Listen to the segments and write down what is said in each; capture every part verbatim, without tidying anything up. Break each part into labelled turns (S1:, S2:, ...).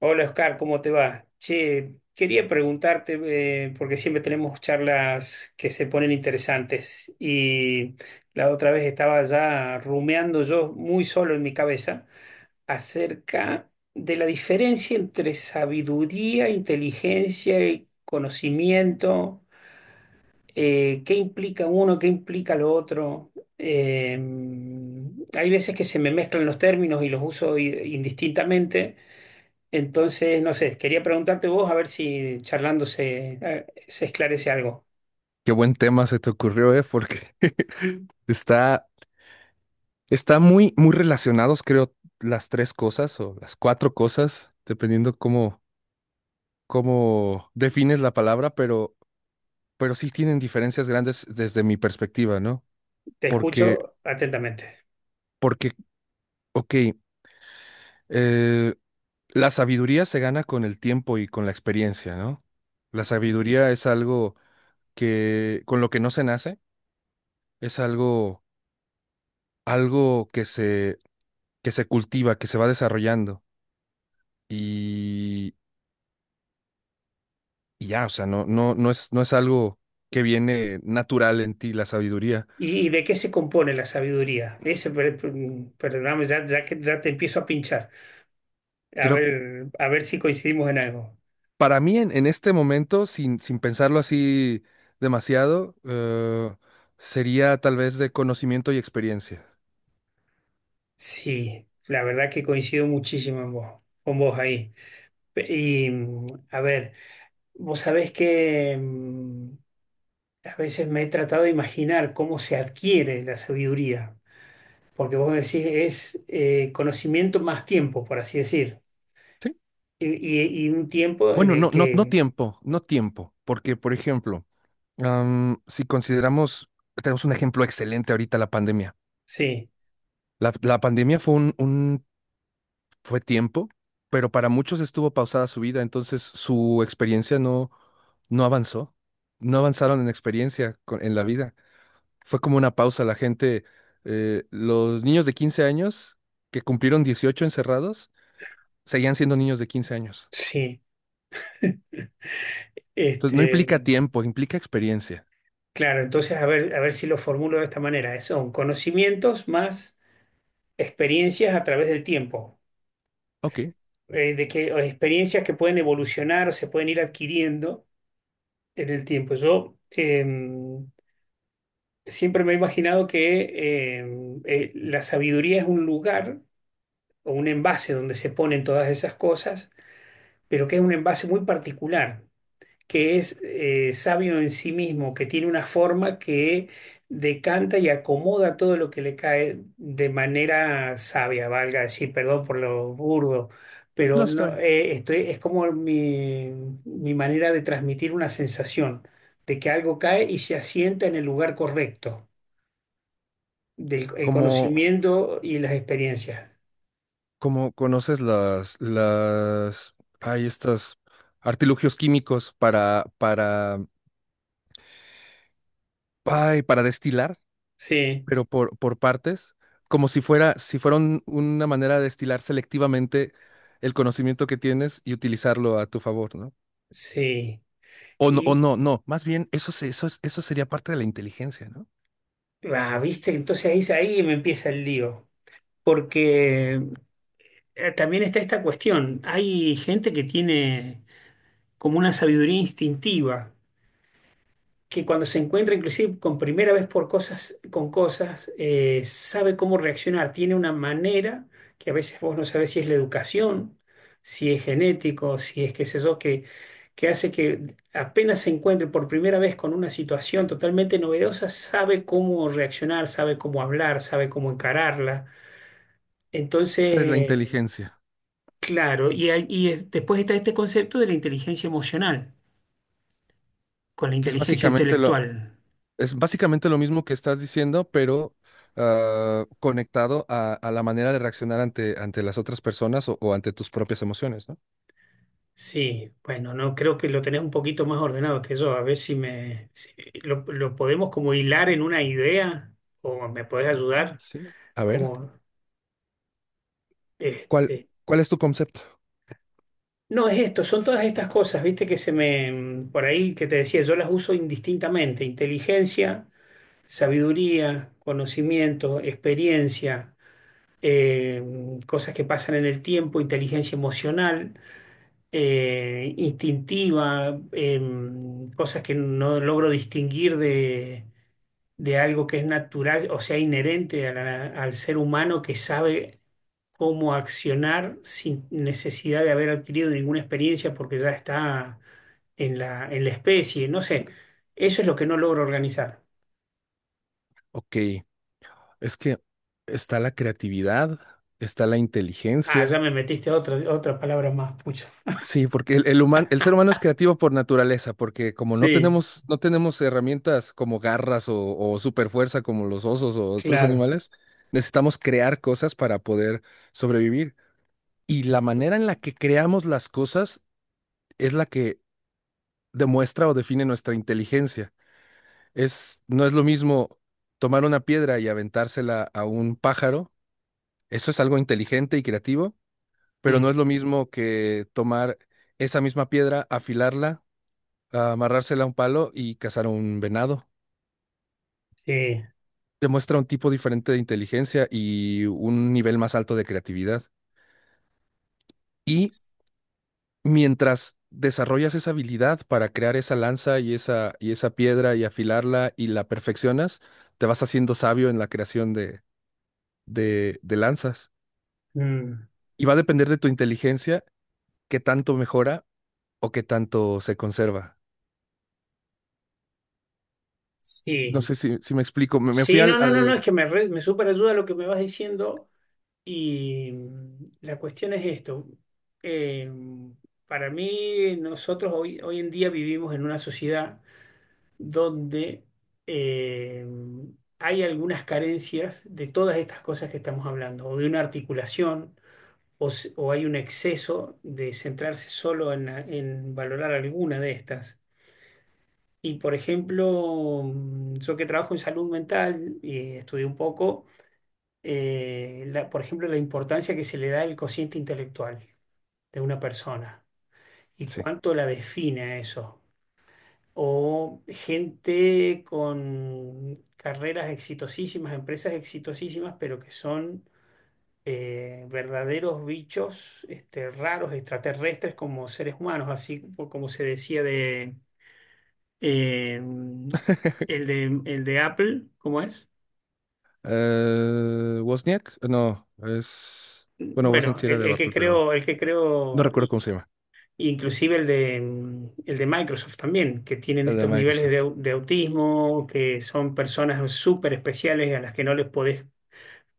S1: Hola Oscar, ¿cómo te va? Che, quería preguntarte, eh, porque siempre tenemos charlas que se ponen interesantes y la otra vez estaba ya rumeando yo muy solo en mi cabeza acerca de la diferencia entre sabiduría, inteligencia y conocimiento. Eh, qué implica uno, qué implica lo otro. Eh, hay veces que se me mezclan los términos y los uso i- indistintamente. Entonces, no sé, quería preguntarte vos a ver si charlando se, eh, se esclarece algo.
S2: Qué buen tema se te ocurrió, ¿eh? Porque está, está muy, muy relacionados, creo, las tres cosas o las cuatro cosas, dependiendo cómo, cómo defines la palabra, pero, pero sí tienen diferencias grandes desde mi perspectiva, ¿no?
S1: Te
S2: Porque,
S1: escucho atentamente.
S2: porque, ok, eh, la sabiduría se gana con el tiempo y con la experiencia, ¿no? La sabiduría es algo que, con lo que no se nace, es algo, algo que se, que se cultiva, que se va desarrollando. y, y ya, o sea, no, no, no es, no es algo que viene natural en ti, la sabiduría.
S1: ¿Y, y de qué se compone la sabiduría? Ese, per- per- mm, perdóname, ya, ya que ya te empiezo a pinchar. A
S2: Creo,
S1: ver, a ver si coincidimos en algo.
S2: para mí en, en este momento, sin, sin pensarlo así demasiado, eh, sería tal vez de conocimiento y experiencia.
S1: Sí, la verdad que coincido muchísimo en vos, con vos ahí. Pe- Y mm, a ver, vos sabés que, mm, a veces me he tratado de imaginar cómo se adquiere la sabiduría. Porque vos decís, es eh, conocimiento más tiempo, por así decir.
S2: ¿Sí?
S1: Y, y- y un tiempo en
S2: Bueno,
S1: el
S2: no, no, no
S1: que,
S2: tiempo, no tiempo, porque, por ejemplo, am, si consideramos, tenemos un ejemplo excelente ahorita, la pandemia.
S1: sí,
S2: La, la pandemia fue un, un fue tiempo, pero para muchos estuvo pausada su vida, entonces su experiencia no, no avanzó, no avanzaron en experiencia co- en la vida. Fue como una pausa, la gente, eh, los niños de quince años que cumplieron dieciocho encerrados, seguían siendo niños de quince años.
S1: sí.
S2: Entonces no
S1: Este,
S2: implica tiempo, implica experiencia.
S1: claro, entonces a ver, a ver si lo formulo de esta manera. es- Son conocimientos más experiencias a través del tiempo.
S2: Ok,
S1: Eh, de que, o experiencias que pueden evolucionar o se pueden ir adquiriendo en el tiempo. Yo em, siempre me he imaginado que em, eh, la sabiduría es un lugar o un envase donde se ponen todas esas cosas, pero que es un envase muy particular, que es eh, sabio en sí mismo, que tiene una forma que decanta y acomoda todo lo que le cae de manera sabia, valga decir, perdón por lo burdo,
S2: no
S1: pero
S2: está
S1: no,
S2: bien.
S1: eh, estoy- es como mi, mi manera de transmitir una sensación de que algo cae y se asienta en el lugar correcto, del el
S2: Como,
S1: conocimiento y las experiencias.
S2: como conoces las, las, hay estos artilugios químicos para, para, ay, para destilar.
S1: Sí,
S2: Pero por, por partes, como si fuera, si fuera un- una manera de destilar selectivamente el conocimiento que tienes y utilizarlo a tu favor, ¿no?
S1: sí.
S2: O no, o
S1: Y,
S2: no, no, más bien eso, se- eso, es- eso sería parte de la inteligencia, ¿no?
S1: ah, viste, entonces ahí, ahí me empieza el lío. Porque, eh, también está esta cuestión. Hay gente que tiene como una sabiduría instintiva, que cuando se encuentra inclusive con primera vez por cosas, con cosas, eh, sabe cómo reaccionar, tiene una manera que a veces vos no sabés si es la educación, si es genético, si es qué sé yo, que, que hace que apenas se encuentre por primera vez con una situación totalmente novedosa, sabe cómo reaccionar, sabe cómo hablar, sabe cómo encararla.
S2: Esa es la
S1: Entonces,
S2: inteligencia,
S1: claro, y, hay- y eh, después está este concepto de la inteligencia emocional con la
S2: que es
S1: inteligencia
S2: básicamente lo,
S1: intelectual.
S2: es básicamente lo mismo que estás diciendo, pero ah, conectado a, a la manera de reaccionar ante, ante las otras personas o, o ante tus propias emociones, ¿no?
S1: Sí, bueno, no creo que lo tenés un poquito más ordenado que yo. A ver si me si lo, lo podemos como hilar en una idea o me podés ayudar
S2: Sí. A ver,
S1: como
S2: ¿cuál,
S1: este.
S2: cuál es tu concepto?
S1: No es esto, son todas estas cosas, viste que se me por ahí que te decía, yo las uso indistintamente, inteligencia, sabiduría, conocimiento, experiencia. eh, Cosas que pasan en el tiempo, inteligencia emocional, eh, instintiva, em, cosas que no logro distinguir de, de algo que es natural, o sea, inherente a la- al ser humano que sabe cómo accionar sin necesidad de haber adquirido ninguna experiencia porque ya está en la, en la especie, no sé, eso es lo que no logro organizar.
S2: Ok. Es que está la creatividad, está la
S1: Ah, ya
S2: inteligencia.
S1: me metiste otra, otra palabra más, pucha.
S2: Sí, porque el, el, human- el ser humano es creativo por naturaleza, porque como no
S1: Sí,
S2: tenemos, no tenemos herramientas como garras o, o superfuerza como los osos o otros
S1: claro.
S2: animales, necesitamos crear cosas para poder sobrevivir. Y la manera en la que creamos las cosas es la que demuestra o define nuestra inteligencia. Es, no es lo mismo tomar una piedra y aventársela a un pájaro. Eso es algo inteligente y creativo, pero no
S1: Mm,
S2: es lo mismo que tomar esa misma piedra, afilarla, amarrársela a un palo y cazar un venado.
S1: sí.
S2: Demuestra un tipo diferente de inteligencia y un nivel más alto de creatividad. Y mientras desarrollas esa habilidad para crear esa lanza y esa, y esa piedra y afilarla y la perfeccionas, te vas haciendo sabio en la creación de, de, de lanzas.
S1: Mm,
S2: Y va a depender de tu inteligencia qué tanto mejora o qué tanto se conserva. No
S1: sí,
S2: sé si, si me explico. Me, me fui
S1: sí,
S2: al,
S1: no, no, no,
S2: al
S1: no, es que me, re- me súper ayuda lo que me vas diciendo y, mm, la cuestión es esto. Eh, para mí, nosotros hoy, hoy en día vivimos en una sociedad donde, eh, hay algunas carencias de todas estas cosas que estamos hablando, o de una articulación, o, s- o hay un exceso de centrarse solo en, en valorar alguna de estas. Y por ejemplo, mm, yo que trabajo en salud mental y estudié un poco, eh, la- por ejemplo, la importancia que se le da al cociente intelectual de una persona y
S2: Sí.
S1: cuánto la define eso. O gente con carreras exitosísimas, empresas exitosísimas, pero que son eh, verdaderos bichos este, raros, extraterrestres como seres humanos, así como se decía de Eh, el de, el de Apple, ¿cómo es?
S2: Eh, Wozniak, no, es... Bueno, Wozniak
S1: Bueno,
S2: sí era
S1: el,
S2: de
S1: el que
S2: Apple, pero
S1: creo, el que
S2: no
S1: creo,
S2: recuerdo
S1: i-
S2: cómo se llama.
S1: inclusive el de, mm, el de Microsoft también, que tienen
S2: El de
S1: estos niveles de,
S2: Microsoft.
S1: au- de autismo, que son personas súper especiales a las que no les podés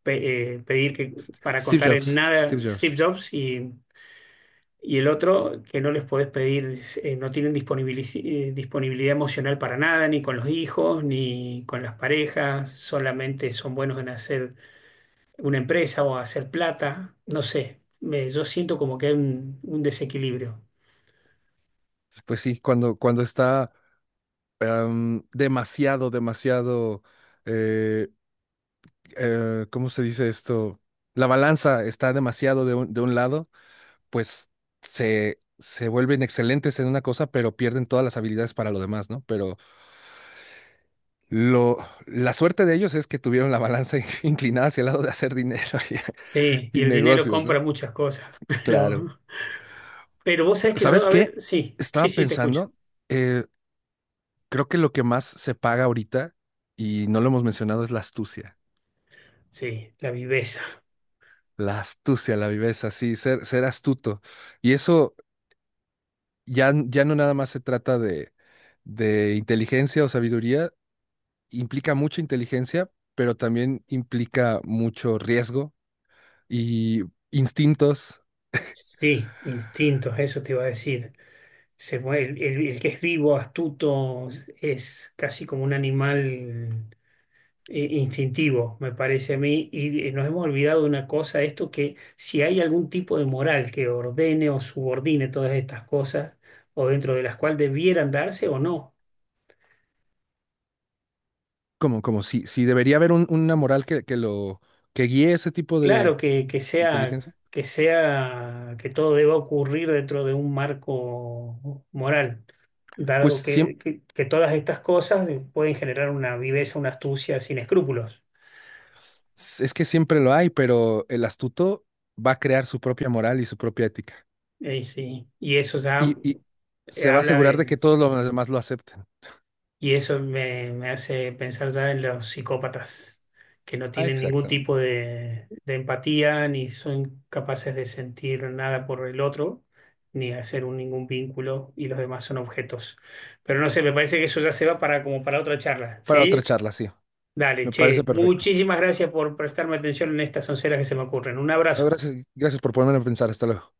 S1: pe- eh, pedir que, para
S2: Steve
S1: contar en
S2: Jobs,
S1: nada
S2: Steve
S1: Steve
S2: Jobs.
S1: Jobs y, y el otro que no les podés pedir, eh, no tienen disponibilici- eh, disponibilidad emocional para nada, ni con los hijos, ni con las parejas, solamente son buenos en hacer una empresa o hacer plata, no sé, me- yo siento como que hay un, un desequilibrio.
S2: Pues sí, cuando, cuando está em, demasiado, demasiado... eh, eh, ¿Cómo se dice esto? La balanza está demasiado de un, de un lado, pues se, se vuelven excelentes en una cosa, pero pierden todas las habilidades para lo demás, ¿no? Pero Lo, la suerte de ellos es que tuvieron la balanza inclinada hacia el lado de hacer dinero
S1: Sí,
S2: y,
S1: y
S2: y
S1: el dinero
S2: negocios,
S1: compra
S2: ¿no?
S1: muchas cosas, pero,
S2: Claro.
S1: pero vos sabés que yo,
S2: ¿Sabes
S1: a ver,
S2: qué?
S1: sí, sí,
S2: Estaba
S1: sí, te escucho.
S2: pensando, eh, creo que lo que más se paga ahorita, y no lo hemos mencionado, es la astucia.
S1: Sí, la viveza,
S2: La astucia, la viveza, sí, ser, ser astuto. Y eso ya, n- ya no nada más se trata de, de inteligencia o sabiduría, implica mucha inteligencia, pero también implica mucho riesgo y instintos.
S1: sí, instintos, eso te iba a decir. Se mue- el, el- el que es vivo, astuto, es casi como un animal eh, instintivo, me parece a mí, y eh, nos hemos olvidado de una cosa, esto que si hay algún tipo de moral que ordene o subordine todas estas cosas, o dentro de las cuales debieran darse o no.
S2: Como, como si, si debería haber un- una moral que, que lo que guíe ese tipo de
S1: Claro que, que sea,
S2: inteligencia.
S1: que sea, que todo deba ocurrir dentro de un marco moral,
S2: Pues
S1: dado
S2: siem-
S1: que, que- que todas estas cosas eh, pueden generar una viveza, una astucia sin escrúpulos.
S2: es que siempre lo hay, pero el astuto va a crear su propia moral y su propia ética.
S1: Eh, sí, y eso ya
S2: Y, y
S1: eh,
S2: se va a
S1: habla
S2: asegurar de
S1: de,
S2: que todos los demás lo acepten.
S1: y eso me, me hace pensar ya en los psicópatas, que no
S2: Ah,
S1: tienen ningún
S2: exactamente.
S1: tipo de, de empatía, ni son capaces de sentir nada por el otro, ni hacer un- ningún vínculo, y los demás son objetos. Pero no sé, me parece que eso ya se va para como para otra charla,
S2: Para otra
S1: ¿sí?
S2: charla, sí.
S1: Dale,
S2: Me
S1: che,
S2: parece perfecto.
S1: muchísimas gracias por prestarme atención en estas onceras que se me ocurren. Un
S2: No,
S1: abrazo.
S2: gracias, gracias por ponerme a pensar. Hasta luego.